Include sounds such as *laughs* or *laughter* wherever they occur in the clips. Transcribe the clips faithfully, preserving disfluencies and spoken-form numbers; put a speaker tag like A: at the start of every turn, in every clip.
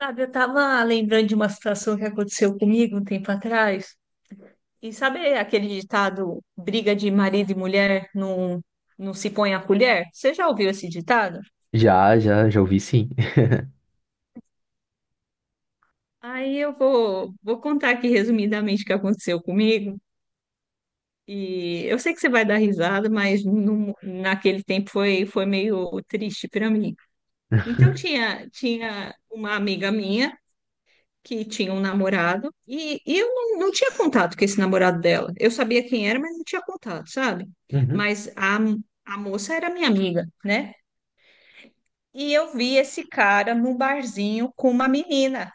A: Sabe, eu tava lembrando de uma situação que aconteceu comigo um tempo atrás. E sabe aquele ditado, briga de marido e mulher não, não se põe a colher? Você já ouviu esse ditado?
B: Já, já, já ouvi sim.
A: Aí eu vou, vou contar aqui resumidamente o que aconteceu comigo. E eu sei que você vai dar risada, mas no- naquele tempo foi, foi meio triste para mim. Então
B: *laughs*
A: tinha, tinha uma amiga minha que tinha um namorado e, e eu não, não tinha contato com esse namorado dela. Eu sabia quem era, mas não tinha contato, sabe?
B: Uhum.
A: Mas a, a moça era minha amiga, né? E eu vi esse cara no barzinho com uma menina.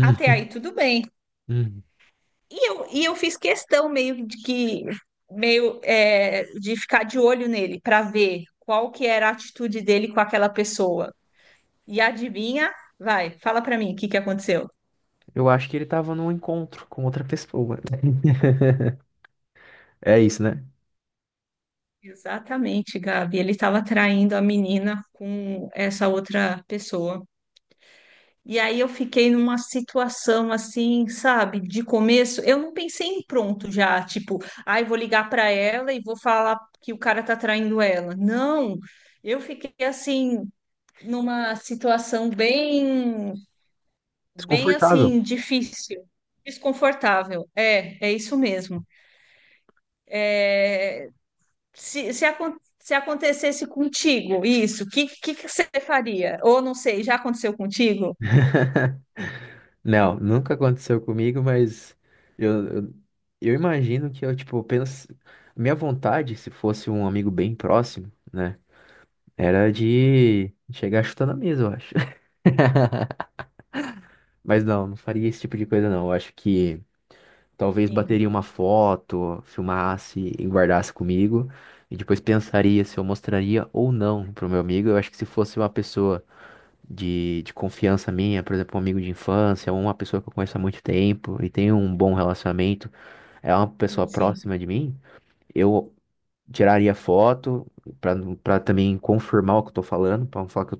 A: Até aí tudo bem.
B: Uhum.
A: E eu, e eu fiz questão meio de que meio é, de ficar de olho nele para ver qual que era a atitude dele com aquela pessoa. E adivinha? Vai, fala para mim o que que aconteceu.
B: Eu acho que ele tava num encontro com outra pessoa. É isso, né?
A: Exatamente, Gabi. Ele estava traindo a menina com essa outra pessoa. E aí eu fiquei numa situação assim, sabe, de começo, eu não pensei em pronto já, tipo, ai, vou ligar para ela e vou falar que o cara tá traindo ela. Não, eu fiquei assim numa situação bem, bem
B: Desconfortável.
A: assim difícil, desconfortável. É, é isso mesmo. É, Se, se, acon- se acontecesse contigo isso, o que, que, que você faria? Ou não sei, já aconteceu contigo?
B: Não, nunca aconteceu comigo, mas eu, eu, eu imagino que eu, tipo, penso. Minha vontade, se fosse um amigo bem próximo, né? Era de chegar chutando a mesa, eu acho. *laughs* Mas não, não faria esse tipo de coisa, não. Eu acho que. Talvez
A: Sim,
B: bateria uma foto, filmasse e guardasse comigo. E depois pensaria se eu mostraria ou não pro meu amigo. Eu acho que se fosse uma pessoa de, de confiança minha, por exemplo, um amigo de infância, ou uma pessoa que eu conheço há muito tempo e tenho um bom relacionamento, é uma pessoa
A: sim, sim,
B: próxima de mim. Eu tiraria foto pra para também confirmar o que eu tô falando, pra não falar que eu,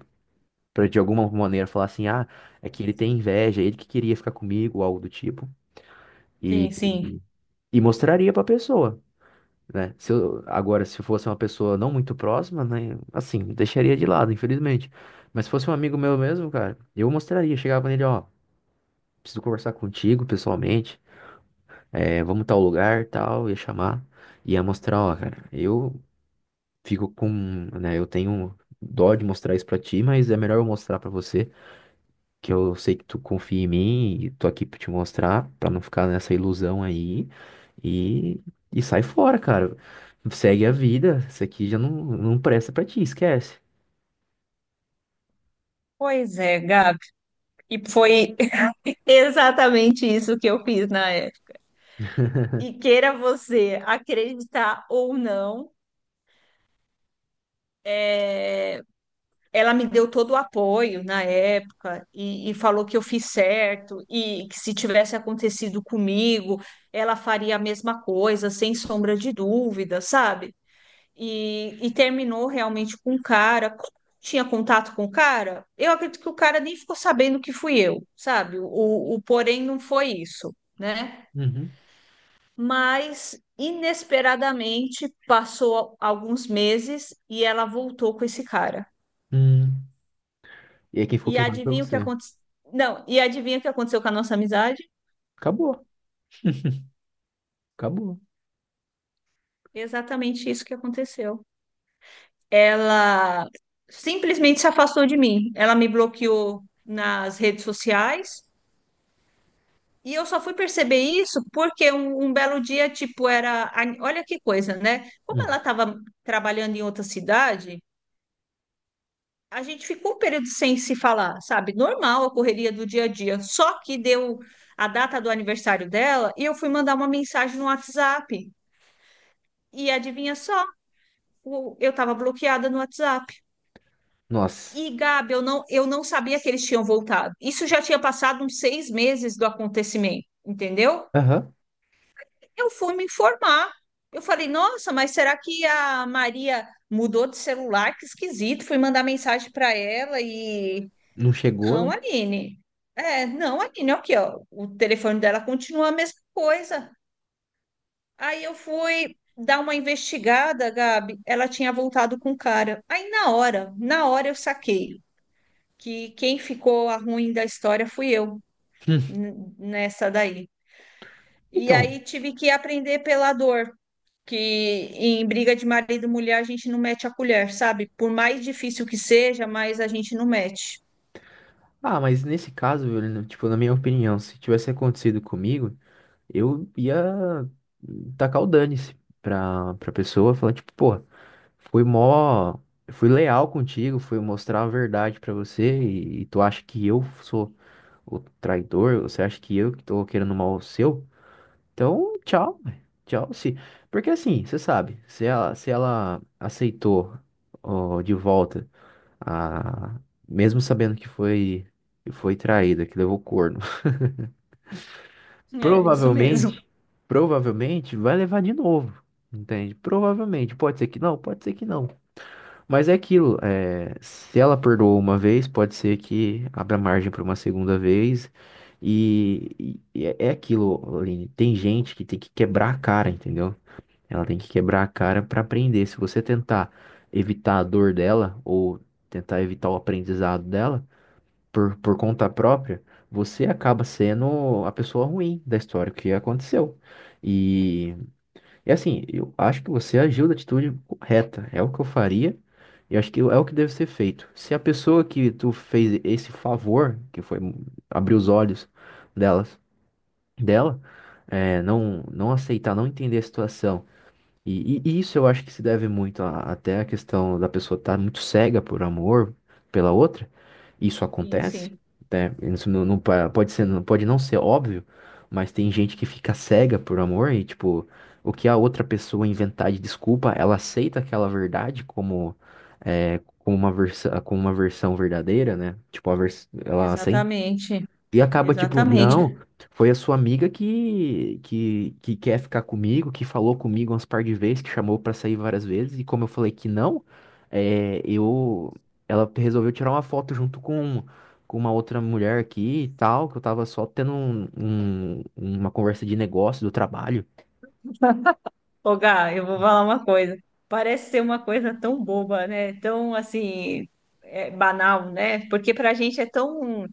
B: pra de alguma maneira falar assim, ah, é que ele tem inveja, é ele que queria ficar comigo, ou algo do tipo. E,
A: sim, sim.
B: e mostraria pra pessoa, né? Se eu, agora, se fosse uma pessoa não muito próxima, né? Assim, deixaria de lado, infelizmente. Mas se fosse um amigo meu mesmo, cara, eu mostraria, chegava nele, ó, preciso conversar contigo pessoalmente, é, vamos tal lugar, tal, ia chamar, ia mostrar, ó, cara, eu fico com, né? Eu tenho dó de mostrar isso pra ti, mas é melhor eu mostrar pra você, que eu sei que tu confia em mim e tô aqui pra te mostrar, pra não ficar nessa ilusão aí. E, e sai fora, cara. Segue a vida. Isso aqui já não, não presta pra ti, esquece.
A: Pois é, Gabi. E foi *laughs* exatamente isso que eu fiz na época. E queira você acreditar ou não, ela me deu todo o apoio na época e, e falou que eu fiz certo e que se tivesse acontecido comigo, ela faria a mesma coisa, sem sombra de dúvida, sabe? E, e terminou realmente com o cara. Como tinha contato com o cara? Eu acredito que o cara nem ficou sabendo que fui eu, sabe? O, o porém não foi isso, né?
B: Uhum.
A: Mas inesperadamente passou alguns meses e ela voltou com esse cara.
B: Hum. E aí quem ficou
A: E
B: queimado foi
A: adivinha o que
B: você.
A: aconteceu? Não, e adivinha o que aconteceu com a nossa amizade?
B: Acabou, acabou.
A: Exatamente isso que aconteceu. Ela simplesmente se afastou de mim. Ela me bloqueou nas redes sociais. E eu só fui perceber isso porque um, um belo dia, tipo, era. a- Olha que coisa, né? Como ela
B: Hum.
A: estava trabalhando em outra cidade, a gente ficou um período sem se falar, sabe? Normal a correria do dia a dia. Só que deu a data do aniversário dela e eu fui mandar uma mensagem no WhatsApp. E adivinha só? O- Eu estava bloqueada no WhatsApp.
B: Nossa.
A: E, Gabi, eu não, eu não sabia que eles tinham voltado. Isso já tinha passado uns seis meses do acontecimento, entendeu?
B: Aham.
A: Eu fui me informar. Eu falei, nossa, mas será que a Maria mudou de celular? Que esquisito. Fui mandar mensagem para ela e.
B: Não chegou, né?
A: Não, Aline. É, não, Aline, aqui, ó. O telefone dela continua a mesma coisa. Aí eu fui dar uma investigada, Gabi. Ela tinha voltado com o cara. Aí na hora, na hora eu saquei que quem ficou a ruim da história fui eu n- nessa daí. E
B: Então.
A: aí tive que aprender pela dor, que em briga de marido e mulher a gente não mete a colher, sabe? Por mais difícil que seja, mas a gente não mete.
B: Ah, mas nesse caso, eu não- tipo, na minha opinião, se tivesse acontecido comigo, eu ia tacar o dane-se pra, pra pessoa, falar, tipo, pô. Fui mó, fui leal contigo, fui mostrar a verdade pra você, e, e tu acha que eu sou o traidor? Você acha que eu que tô querendo mal seu? Então, tchau, ué. Tchau, se, porque assim, você sabe, se ela, se ela aceitou, ó, de volta a, mesmo sabendo que foi que foi traída, que levou corno, *laughs*
A: É isso mesmo.
B: provavelmente, provavelmente vai levar de novo. Entende? Provavelmente. Pode ser que não, pode ser que não. Mas é aquilo, é, se ela perdoou uma vez, pode ser que abra margem para uma segunda vez. E, e- é é aquilo, Aline, tem gente que tem que quebrar a cara, entendeu? Ela tem que quebrar a cara para aprender. Se você tentar evitar a dor dela ou tentar evitar o aprendizado dela por, por conta própria, você acaba sendo a pessoa ruim da história o que aconteceu. E assim, eu acho que você agiu da atitude correta. É o que eu faria e acho que é o que deve ser feito. Se a pessoa que tu fez esse favor, que foi abrir os olhos delas, dela, é, não, não aceitar, não entender a situação. E, e- e isso eu acho que se deve muito a- até à questão da pessoa estar muito cega por amor pela outra. Isso
A: Sim,
B: acontece,
A: sim,
B: né? Isso não, não pa- pode ser, não pode não ser óbvio, mas tem gente que fica cega por amor e tipo, o que a outra pessoa inventar de desculpa, ela aceita aquela verdade como é, como uma versão, como uma versão verdadeira, né? Tipo, a vers ela
A: exatamente,
B: e acaba tipo,
A: exatamente.
B: não, foi a sua amiga que, que, que quer ficar comigo, que falou comigo umas par de vezes, que chamou pra sair várias vezes, e como eu falei que não, é, eu, ela resolveu tirar uma foto junto com, com uma outra mulher aqui e tal, que eu tava só tendo um- um- uma conversa de negócio do trabalho.
A: Ô, Gá, eu vou falar uma coisa. Parece ser uma coisa tão boba, né? Tão assim, é, banal, né? Porque pra gente é tão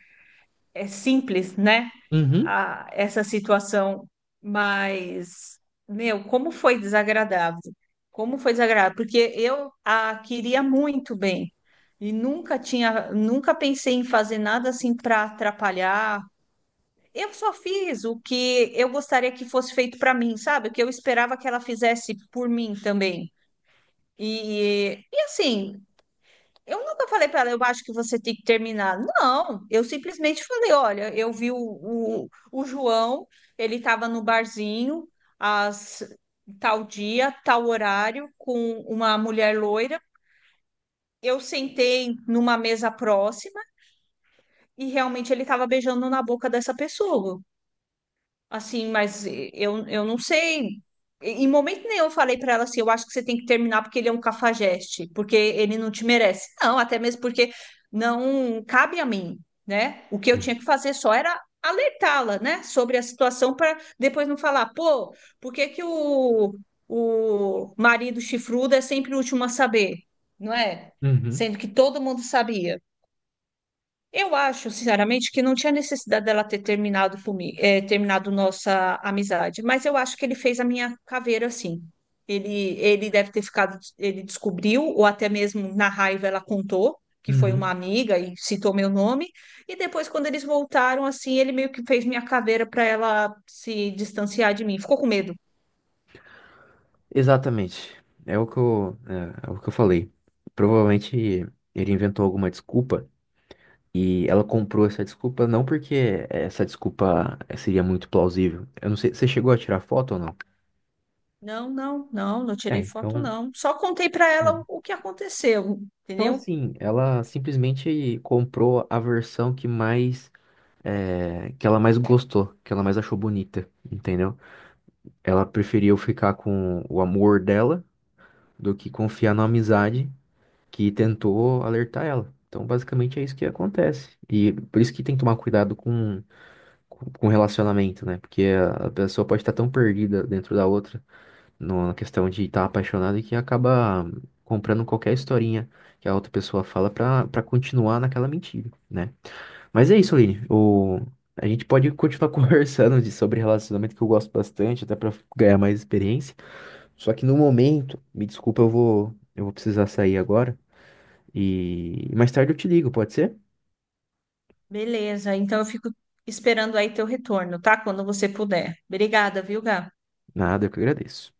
A: é simples, né?
B: Uhum.
A: A- essa situação, mas, meu, como foi desagradável. Como foi desagradável, porque eu a queria muito bem e nunca tinha, nunca pensei em fazer nada assim para atrapalhar. Eu só fiz o que eu gostaria que fosse feito para mim, sabe? O que eu esperava que ela fizesse por mim também. E, e assim, eu nunca falei para ela, eu acho que você tem que terminar. Não, eu simplesmente falei, olha, eu vi o, o, o João, ele estava no barzinho, às tal dia, tal horário, com uma mulher loira. Eu sentei numa mesa próxima e realmente ele estava beijando na boca dessa pessoa. Assim, mas eu, eu não sei. Em momento nenhum eu falei para ela assim, eu acho que você tem que terminar porque ele é um cafajeste, porque ele não te merece. Não, até mesmo porque não cabe a mim, né? O que eu tinha que fazer só era alertá-la, né, sobre a situação para depois não falar, pô, por que que o, o marido chifrudo é sempre o último a saber, não é?
B: Uhum.
A: Sendo que todo mundo sabia. Eu acho, sinceramente, que não tinha necessidade dela ter terminado comigo, terminado nossa amizade, mas eu acho que ele fez a minha caveira assim. Ele, ele deve ter ficado, ele descobriu, ou até mesmo na raiva ela contou que foi uma
B: Uhum.
A: amiga e citou meu nome, e depois quando eles voltaram assim, ele meio que fez minha caveira para ela se distanciar de mim. Ficou com medo.
B: Exatamente. É o que eu, é, é o que eu falei. Provavelmente ele inventou alguma desculpa. E ela comprou essa desculpa não porque essa desculpa eh, seria muito plausível. Eu não sei, você chegou a tirar foto ou não?
A: Não, não, não, não
B: É,
A: tirei foto
B: então.
A: não. Só contei para
B: É.
A: ela o, o que aconteceu,
B: Então,
A: entendeu?
B: assim, ela simplesmente comprou a versão que mais. Eh, que ela mais gostou, que ela mais achou bonita, entendeu? Ela preferiu ficar com o amor dela do que confiar na amizade que tentou alertar ela. Então, basicamente é isso que acontece. E por isso que tem que tomar cuidado com com com relacionamento, né? Porque a a pessoa pode estar tão perdida dentro da outra, na questão de estar apaixonada, que acaba comprando qualquer historinha que a outra pessoa fala pra, pra continuar naquela mentira, né? Mas é isso, Aline. O... A gente pode continuar *laughs* conversando de, sobre relacionamento, que eu gosto bastante, até pra ganhar mais experiência. Só que no momento, me desculpa, eu vou, eu vou precisar sair agora. E mais tarde eu te ligo, pode ser?
A: Beleza, então eu fico esperando aí teu retorno, tá? Quando você puder. Obrigada, viu, Gá?
B: Nada, eu que agradeço.